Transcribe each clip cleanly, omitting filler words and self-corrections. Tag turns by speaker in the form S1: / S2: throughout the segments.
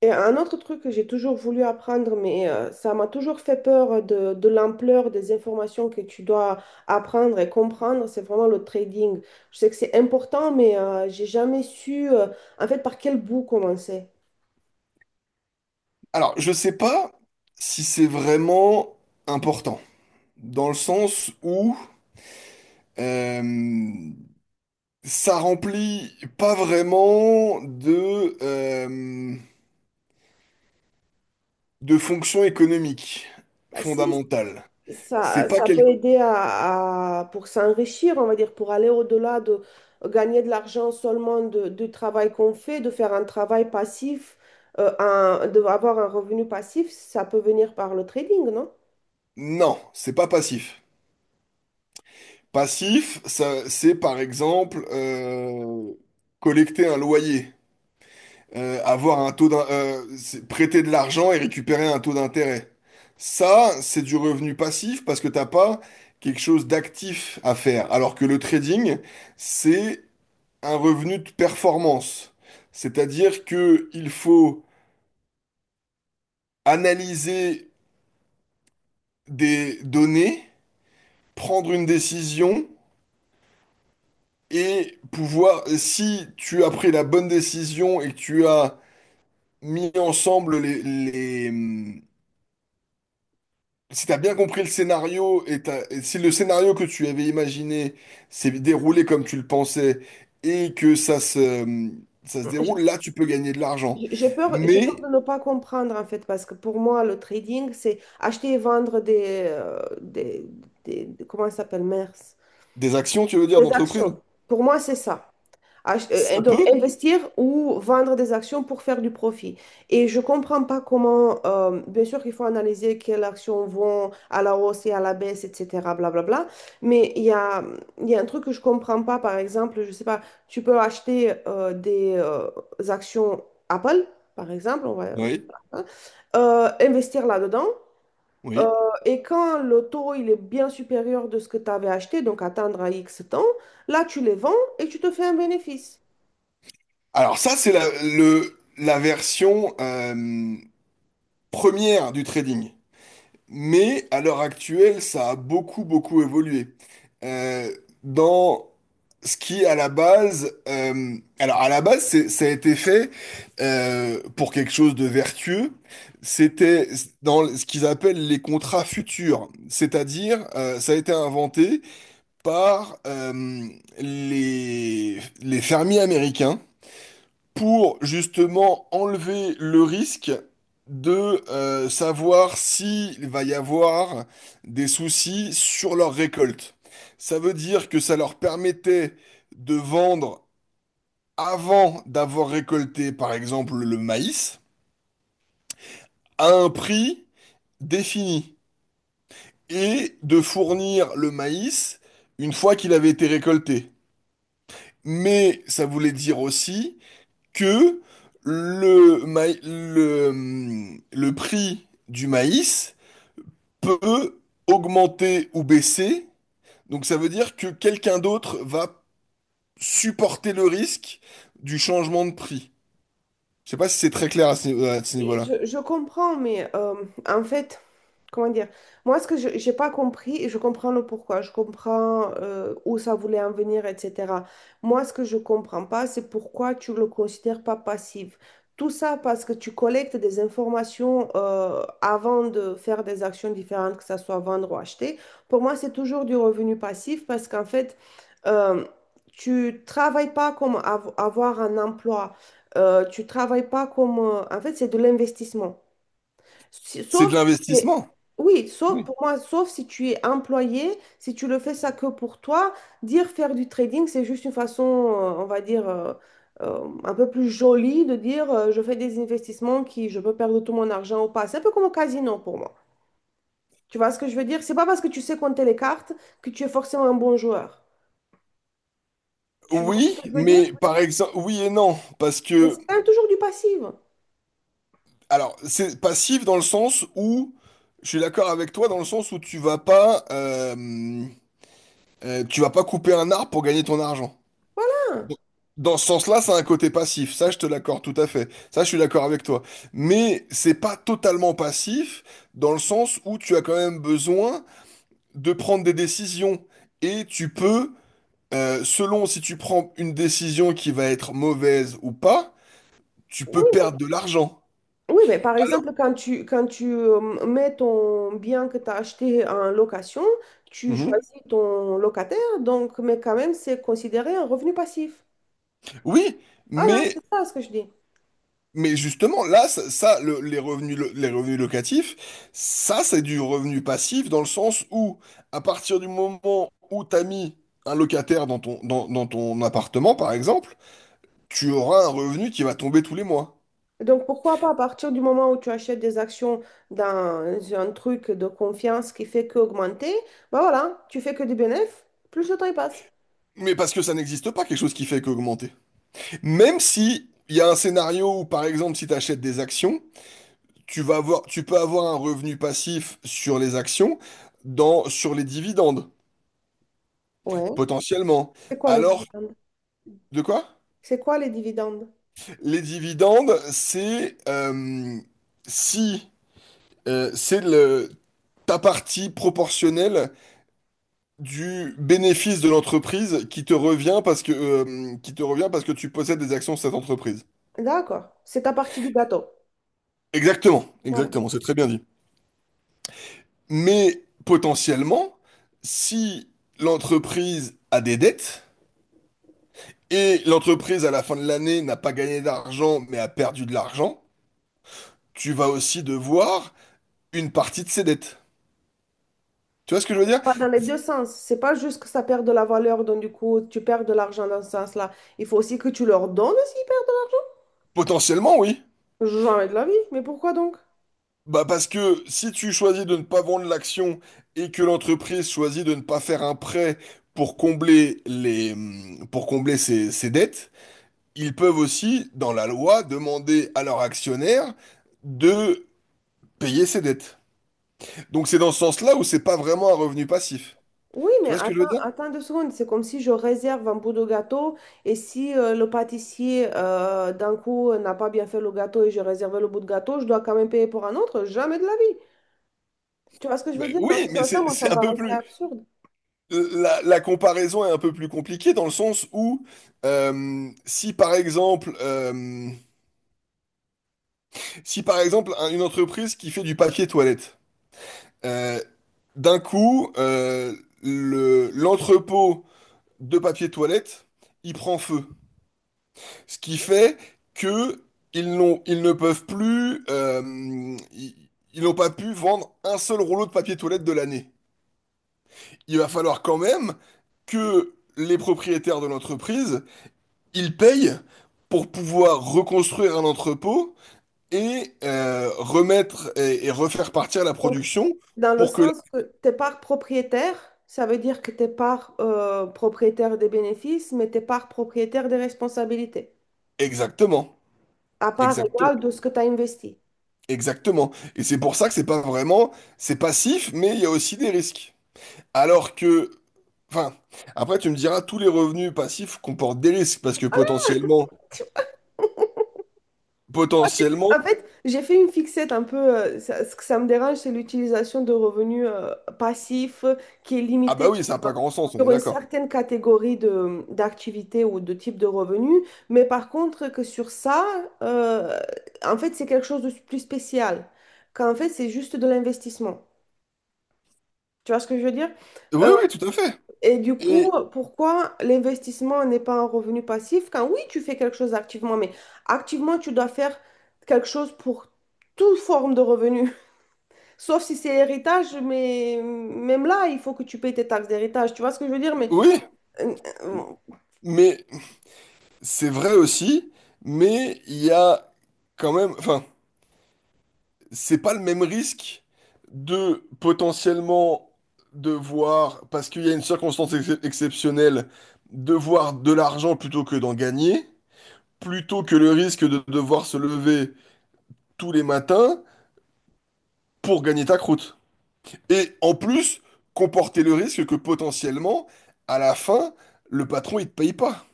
S1: Et un autre truc que j'ai toujours voulu apprendre, mais ça m'a toujours fait peur de l'ampleur des informations que tu dois apprendre et comprendre, c'est vraiment le trading. Je sais que c'est important, mais j'ai jamais su en fait par quel bout commencer.
S2: Alors, je sais pas si c'est vraiment important, dans le sens où euh, ça remplit pas vraiment de de fonction économique
S1: Bah si,
S2: fondamentale. C'est pas
S1: ça peut
S2: quel...
S1: aider pour s'enrichir, on va dire, pour aller au-delà de gagner de l'argent seulement du travail qu'on fait, de faire un travail passif, de avoir un revenu passif, ça peut venir par le trading, non?
S2: Non, c'est pas passif. Passif, ça, c'est par exemple collecter un loyer. Avoir un taux d'in- c'est prêter de l'argent et récupérer un taux d'intérêt. Ça, c'est du revenu passif parce que t'as pas quelque chose d'actif à faire. Alors que le trading, c'est un revenu de performance. C'est-à-dire que il faut analyser des données, prendre une décision et pouvoir, si tu as pris la bonne décision et que tu as mis ensemble les, si t'as bien compris le scénario et et si le scénario que tu avais imaginé s'est déroulé comme tu le pensais et que ça se déroule, là tu peux gagner de l'argent.
S1: J'ai peur
S2: Mais
S1: de ne pas comprendre en fait, parce que pour moi, le trading, c'est acheter et vendre comment ça s'appelle, mers,
S2: des actions, tu veux dire,
S1: des
S2: d'entreprise,
S1: actions. Pour moi, c'est ça.
S2: ça
S1: Donc,
S2: peut?
S1: investir ou vendre des actions pour faire du profit. Et je ne comprends pas comment, bien sûr qu'il faut analyser quelles actions vont à la hausse et à la baisse, etc., blablabla. Mais il y a un truc que je ne comprends pas, par exemple, je ne sais pas, tu peux acheter des actions Apple, par exemple, on va,
S2: Oui,
S1: hein, investir là-dedans. euh,
S2: oui.
S1: et quand le taux il est bien supérieur de ce que tu avais acheté, donc attendre à X temps, là tu les vends et tu te fais un bénéfice.
S2: Alors ça, c'est la version première du trading. Mais à l'heure actuelle, ça a beaucoup, beaucoup évolué. Euh, dans ce qui, à la base, alors à la base, ça a été fait pour quelque chose de vertueux. C'était dans ce qu'ils appellent les contrats futurs, c'est-à-dire ça a été inventé par les fermiers américains pour justement enlever le risque de savoir s'il va y avoir des soucis sur leur récolte. Ça veut dire que ça leur permettait de vendre avant d'avoir récolté, par exemple, le maïs, à un prix défini, et de fournir le maïs une fois qu'il avait été récolté. Mais ça voulait dire aussi que le prix du maïs peut augmenter ou baisser. Donc ça veut dire que quelqu'un d'autre va supporter le risque du changement de prix. Je sais pas si c'est très clair à à ce
S1: Oui,
S2: niveau-là.
S1: Je comprends, mais en fait, comment dire, moi, ce que je j'ai pas compris, et je comprends le pourquoi, je comprends où ça voulait en venir, etc. Moi, ce que je comprends pas, c'est pourquoi tu le considères pas passif. Tout ça parce que tu collectes des informations avant de faire des actions différentes, que ça soit vendre ou acheter. Pour moi, c'est toujours du revenu passif parce qu'en fait, euh, tu travailles pas comme avoir un emploi. Tu travailles pas comme, en fait, c'est de l'investissement.
S2: C'est
S1: Sauf
S2: de
S1: si tu es...
S2: l'investissement.
S1: Oui, sauf
S2: Oui.
S1: pour moi, sauf si tu es employé, si tu le fais ça que pour toi, dire faire du trading, c'est juste une façon, on va dire, un peu plus jolie de dire je fais des investissements qui je peux perdre tout mon argent ou pas. C'est un peu comme au casino pour moi. Tu vois ce que je veux dire? C'est pas parce que tu sais compter les cartes que tu es forcément un bon joueur. Tu vois ce
S2: Oui,
S1: que je veux dire?
S2: mais par exemple, oui et non, parce
S1: Mais c'est
S2: que,
S1: quand même toujours du passif.
S2: alors, c'est passif dans le sens où, je suis d'accord avec toi, dans le sens où tu vas pas couper un arbre pour gagner ton argent. Dans ce sens-là, ça a un côté passif. Ça, je te l'accorde tout à fait. Ça, je suis d'accord avec toi. Mais c'est pas totalement passif dans le sens où tu as quand même besoin de prendre des décisions. Et tu peux, selon si tu prends une décision qui va être mauvaise ou pas, tu peux
S1: Oui.
S2: perdre de l'argent.
S1: Oui, mais par exemple,
S2: Alors,
S1: quand tu mets ton bien que tu as acheté en location, tu
S2: mhm.
S1: choisis ton locataire, donc, mais quand même, c'est considéré un revenu passif.
S2: Oui,
S1: Voilà,
S2: mais
S1: c'est ça ce que je dis.
S2: Mais justement, là, les revenus locatifs, ça, c'est du revenu passif dans le sens où, à partir du moment où tu as mis un locataire dans dans ton appartement, par exemple, tu auras un revenu qui va tomber tous les mois.
S1: Donc, pourquoi pas, à partir du moment où tu achètes des actions dans un truc de confiance qui fait qu'augmenter, bah voilà, tu fais que des bénéfices, plus le temps il passe.
S2: Mais parce que ça n'existe pas, quelque chose qui fait qu'augmenter. Même si il y a un scénario où, par exemple, si tu achètes des actions, tu peux avoir un revenu passif sur les actions, sur les dividendes,
S1: Ouais.
S2: potentiellement.
S1: C'est quoi les
S2: Alors,
S1: dividendes?
S2: de quoi?
S1: C'est quoi les dividendes?
S2: Les dividendes, c'est si c'est le ta partie proportionnelle du bénéfice de l'entreprise qui te revient parce que tu possèdes des actions de cette entreprise.
S1: D'accord, c'est ta partie du gâteau.
S2: Exactement,
S1: Voilà. Ça
S2: exactement, c'est très bien dit. Mais potentiellement, si l'entreprise a des dettes et l'entreprise à la fin de l'année n'a pas gagné d'argent mais a perdu de l'argent, tu vas aussi devoir une partie de ses dettes. Tu vois ce que je veux dire?
S1: va dans les deux sens, c'est pas juste que ça perd de la valeur, donc du coup tu perds de l'argent dans ce sens-là. Il faut aussi que tu leur donnes aussi.
S2: Potentiellement, oui.
S1: Jamais de la vie, mais pourquoi donc?
S2: Bah parce que si tu choisis de ne pas vendre l'action et que l'entreprise choisit de ne pas faire un prêt pour combler ses dettes, ils peuvent aussi, dans la loi, demander à leurs actionnaires de payer ses dettes. Donc c'est dans ce sens-là où c'est pas vraiment un revenu passif.
S1: Oui,
S2: Tu
S1: mais
S2: vois ce que je veux dire?
S1: attends 2 secondes. C'est comme si je réserve un bout de gâteau et si le pâtissier, d'un coup, n'a pas bien fait le gâteau et j'ai réservé le bout de gâteau, je dois quand même payer pour un autre. Jamais de la vie. Tu vois ce que je veux
S2: Ben
S1: dire? Dans
S2: oui,
S1: ce
S2: mais
S1: sens-là,
S2: c'est
S1: moi, ça
S2: c'est
S1: me
S2: un peu
S1: paraissait
S2: plus...
S1: absurde.
S2: La comparaison est un peu plus compliquée dans le sens où euh, si par exemple... euh, si par exemple une entreprise qui fait du papier toilette, euh, d'un coup, l'entrepôt de papier toilette, il prend feu. Ce qui fait que ils ne peuvent plus, ils, ils n'ont pas pu vendre un seul rouleau de papier toilette de l'année. Il va falloir quand même que les propriétaires de l'entreprise, ils payent pour pouvoir reconstruire un entrepôt et remettre et refaire partir la
S1: Donc,
S2: production
S1: dans le
S2: pour que...
S1: sens que t'es part propriétaire, ça veut dire que t'es part propriétaire des bénéfices, mais t'es part propriétaire des responsabilités,
S2: Exactement,
S1: à part
S2: exactement,
S1: égale de ce que tu as investi.
S2: exactement. Et c'est pour ça que c'est pas vraiment, c'est passif, mais il y a aussi des risques. Alors que, enfin, après tu me diras, tous les revenus passifs comportent des risques parce que potentiellement,
S1: En fait, j'ai fait une fixette un peu. Ce que ça me dérange, c'est l'utilisation de revenus passifs qui est
S2: ah
S1: limitée
S2: bah oui,
S1: sur,
S2: ça n'a pas grand sens, on est
S1: sur une
S2: d'accord.
S1: certaine catégorie d'activités ou de type de revenus. Mais par contre, que sur ça, euh, en fait, c'est quelque chose de plus spécial. Qu'en fait, c'est juste de l'investissement. Tu vois ce que je veux dire?
S2: Oui, oui, tout à fait.
S1: Et du coup,
S2: Et
S1: pourquoi l'investissement n'est pas un revenu passif? Quand oui, tu fais quelque chose activement, mais activement, tu dois faire quelque chose pour toute forme de revenu. Sauf si c'est héritage, mais même là, il faut que tu payes tes taxes d'héritage. Tu vois ce que je veux dire? Mais
S2: oui,
S1: euh, euh,
S2: mais c'est vrai aussi, mais il y a quand même, enfin, c'est pas le même risque de potentiellement devoir, parce qu'il y a une circonstance exceptionnelle, devoir de l'argent plutôt que d'en gagner, plutôt que le risque de devoir se lever tous les matins pour gagner ta croûte. Et en plus, comporter le risque que potentiellement, à la fin, le patron, il te paye pas.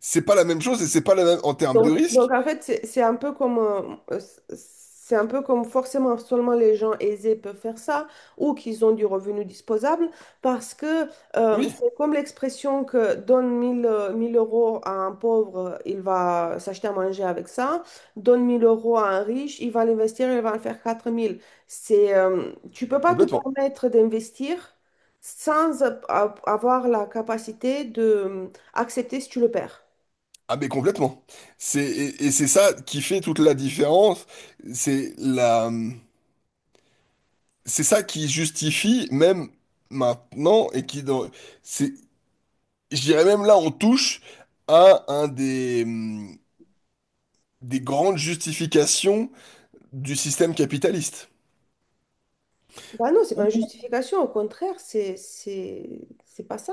S2: C'est pas la même chose et c'est pas la même en termes de
S1: donc
S2: risque.
S1: en fait, c'est un peu comme, euh, c'est un peu comme forcément seulement les gens aisés peuvent faire ça ou qu'ils ont du revenu disposable parce que
S2: Oui,
S1: c'est comme l'expression que donne 1000 1 000 € à un pauvre, il va s'acheter à manger avec ça, donne 1 000 € à un riche, il va l'investir, il va en faire 4 000. C'est, tu peux pas te
S2: complètement.
S1: permettre d'investir sans avoir la capacité de accepter si tu le perds.
S2: Ah mais complètement. Et c'est ça qui fait toute la différence. C'est la c'est ça qui justifie même maintenant et qui dans c'est je dirais même là on touche à un des grandes justifications du système capitaliste.
S1: Bah non, c'est pas une justification, au contraire, c'est pas ça.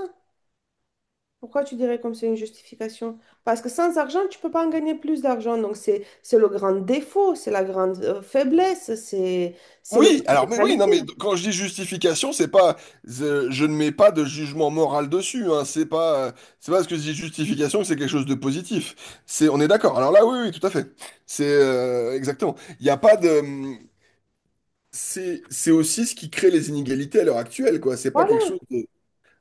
S1: Pourquoi tu dirais comme c'est une justification? Parce que sans argent, tu peux pas en gagner plus d'argent. Donc c'est le grand défaut, c'est la grande faiblesse, c'est le
S2: Oui,
S1: manque
S2: alors mais oui, non
S1: d'égalité.
S2: mais quand je dis justification, c'est pas je, je ne mets pas de jugement moral dessus, hein, c'est pas parce que je dis justification que c'est quelque chose de positif. C'est on est d'accord. Alors là oui oui, tout à fait. C'est exactement. Il n'y a pas de c'est aussi ce qui crée les inégalités à l'heure actuelle quoi, c'est pas quelque
S1: Voilà.
S2: chose de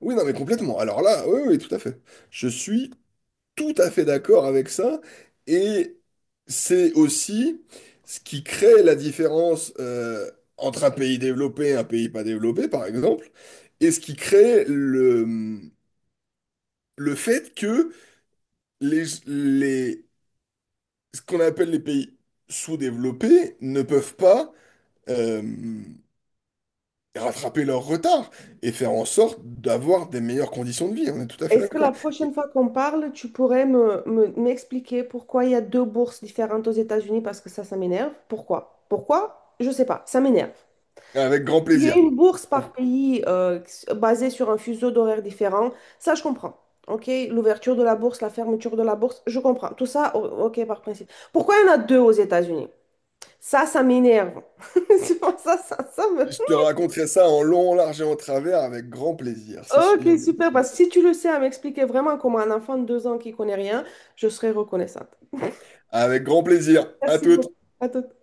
S2: oui, non mais complètement. Alors là oui oui, tout à fait. Je suis tout à fait d'accord avec ça. Et c'est aussi ce qui crée la différence entre un pays développé et un pays pas développé, par exemple, et ce qui crée le fait que les, les, ce qu'on appelle les pays sous-développés ne peuvent pas euh, rattraper leur retard et faire en sorte d'avoir des meilleures conditions de vie. On est tout à fait
S1: Est-ce que la
S2: d'accord.
S1: prochaine fois qu'on parle, tu pourrais m'expliquer pourquoi il y a deux bourses différentes aux États-Unis? Parce que ça m'énerve. Pourquoi? Pourquoi? Je sais pas, ça m'énerve.
S2: Avec grand
S1: Il y a
S2: plaisir.
S1: une bourse par pays basée sur un fuseau d'horaires différent. Ça, je comprends. OK, l'ouverture de la bourse, la fermeture de la bourse, je comprends. Tout ça, OK, par principe. Pourquoi il y en a deux aux États-Unis? Ça m'énerve. C'est pour ça, me...
S2: Je te raconterai ça en long, en large et en travers avec grand plaisir. C'est sûr.
S1: OK, super. Parce que si tu le sais à m'expliquer vraiment comment un enfant de 2 ans qui connaît rien, je serais reconnaissante.
S2: Avec grand plaisir. À
S1: Merci beaucoup.
S2: toutes.
S1: À tout.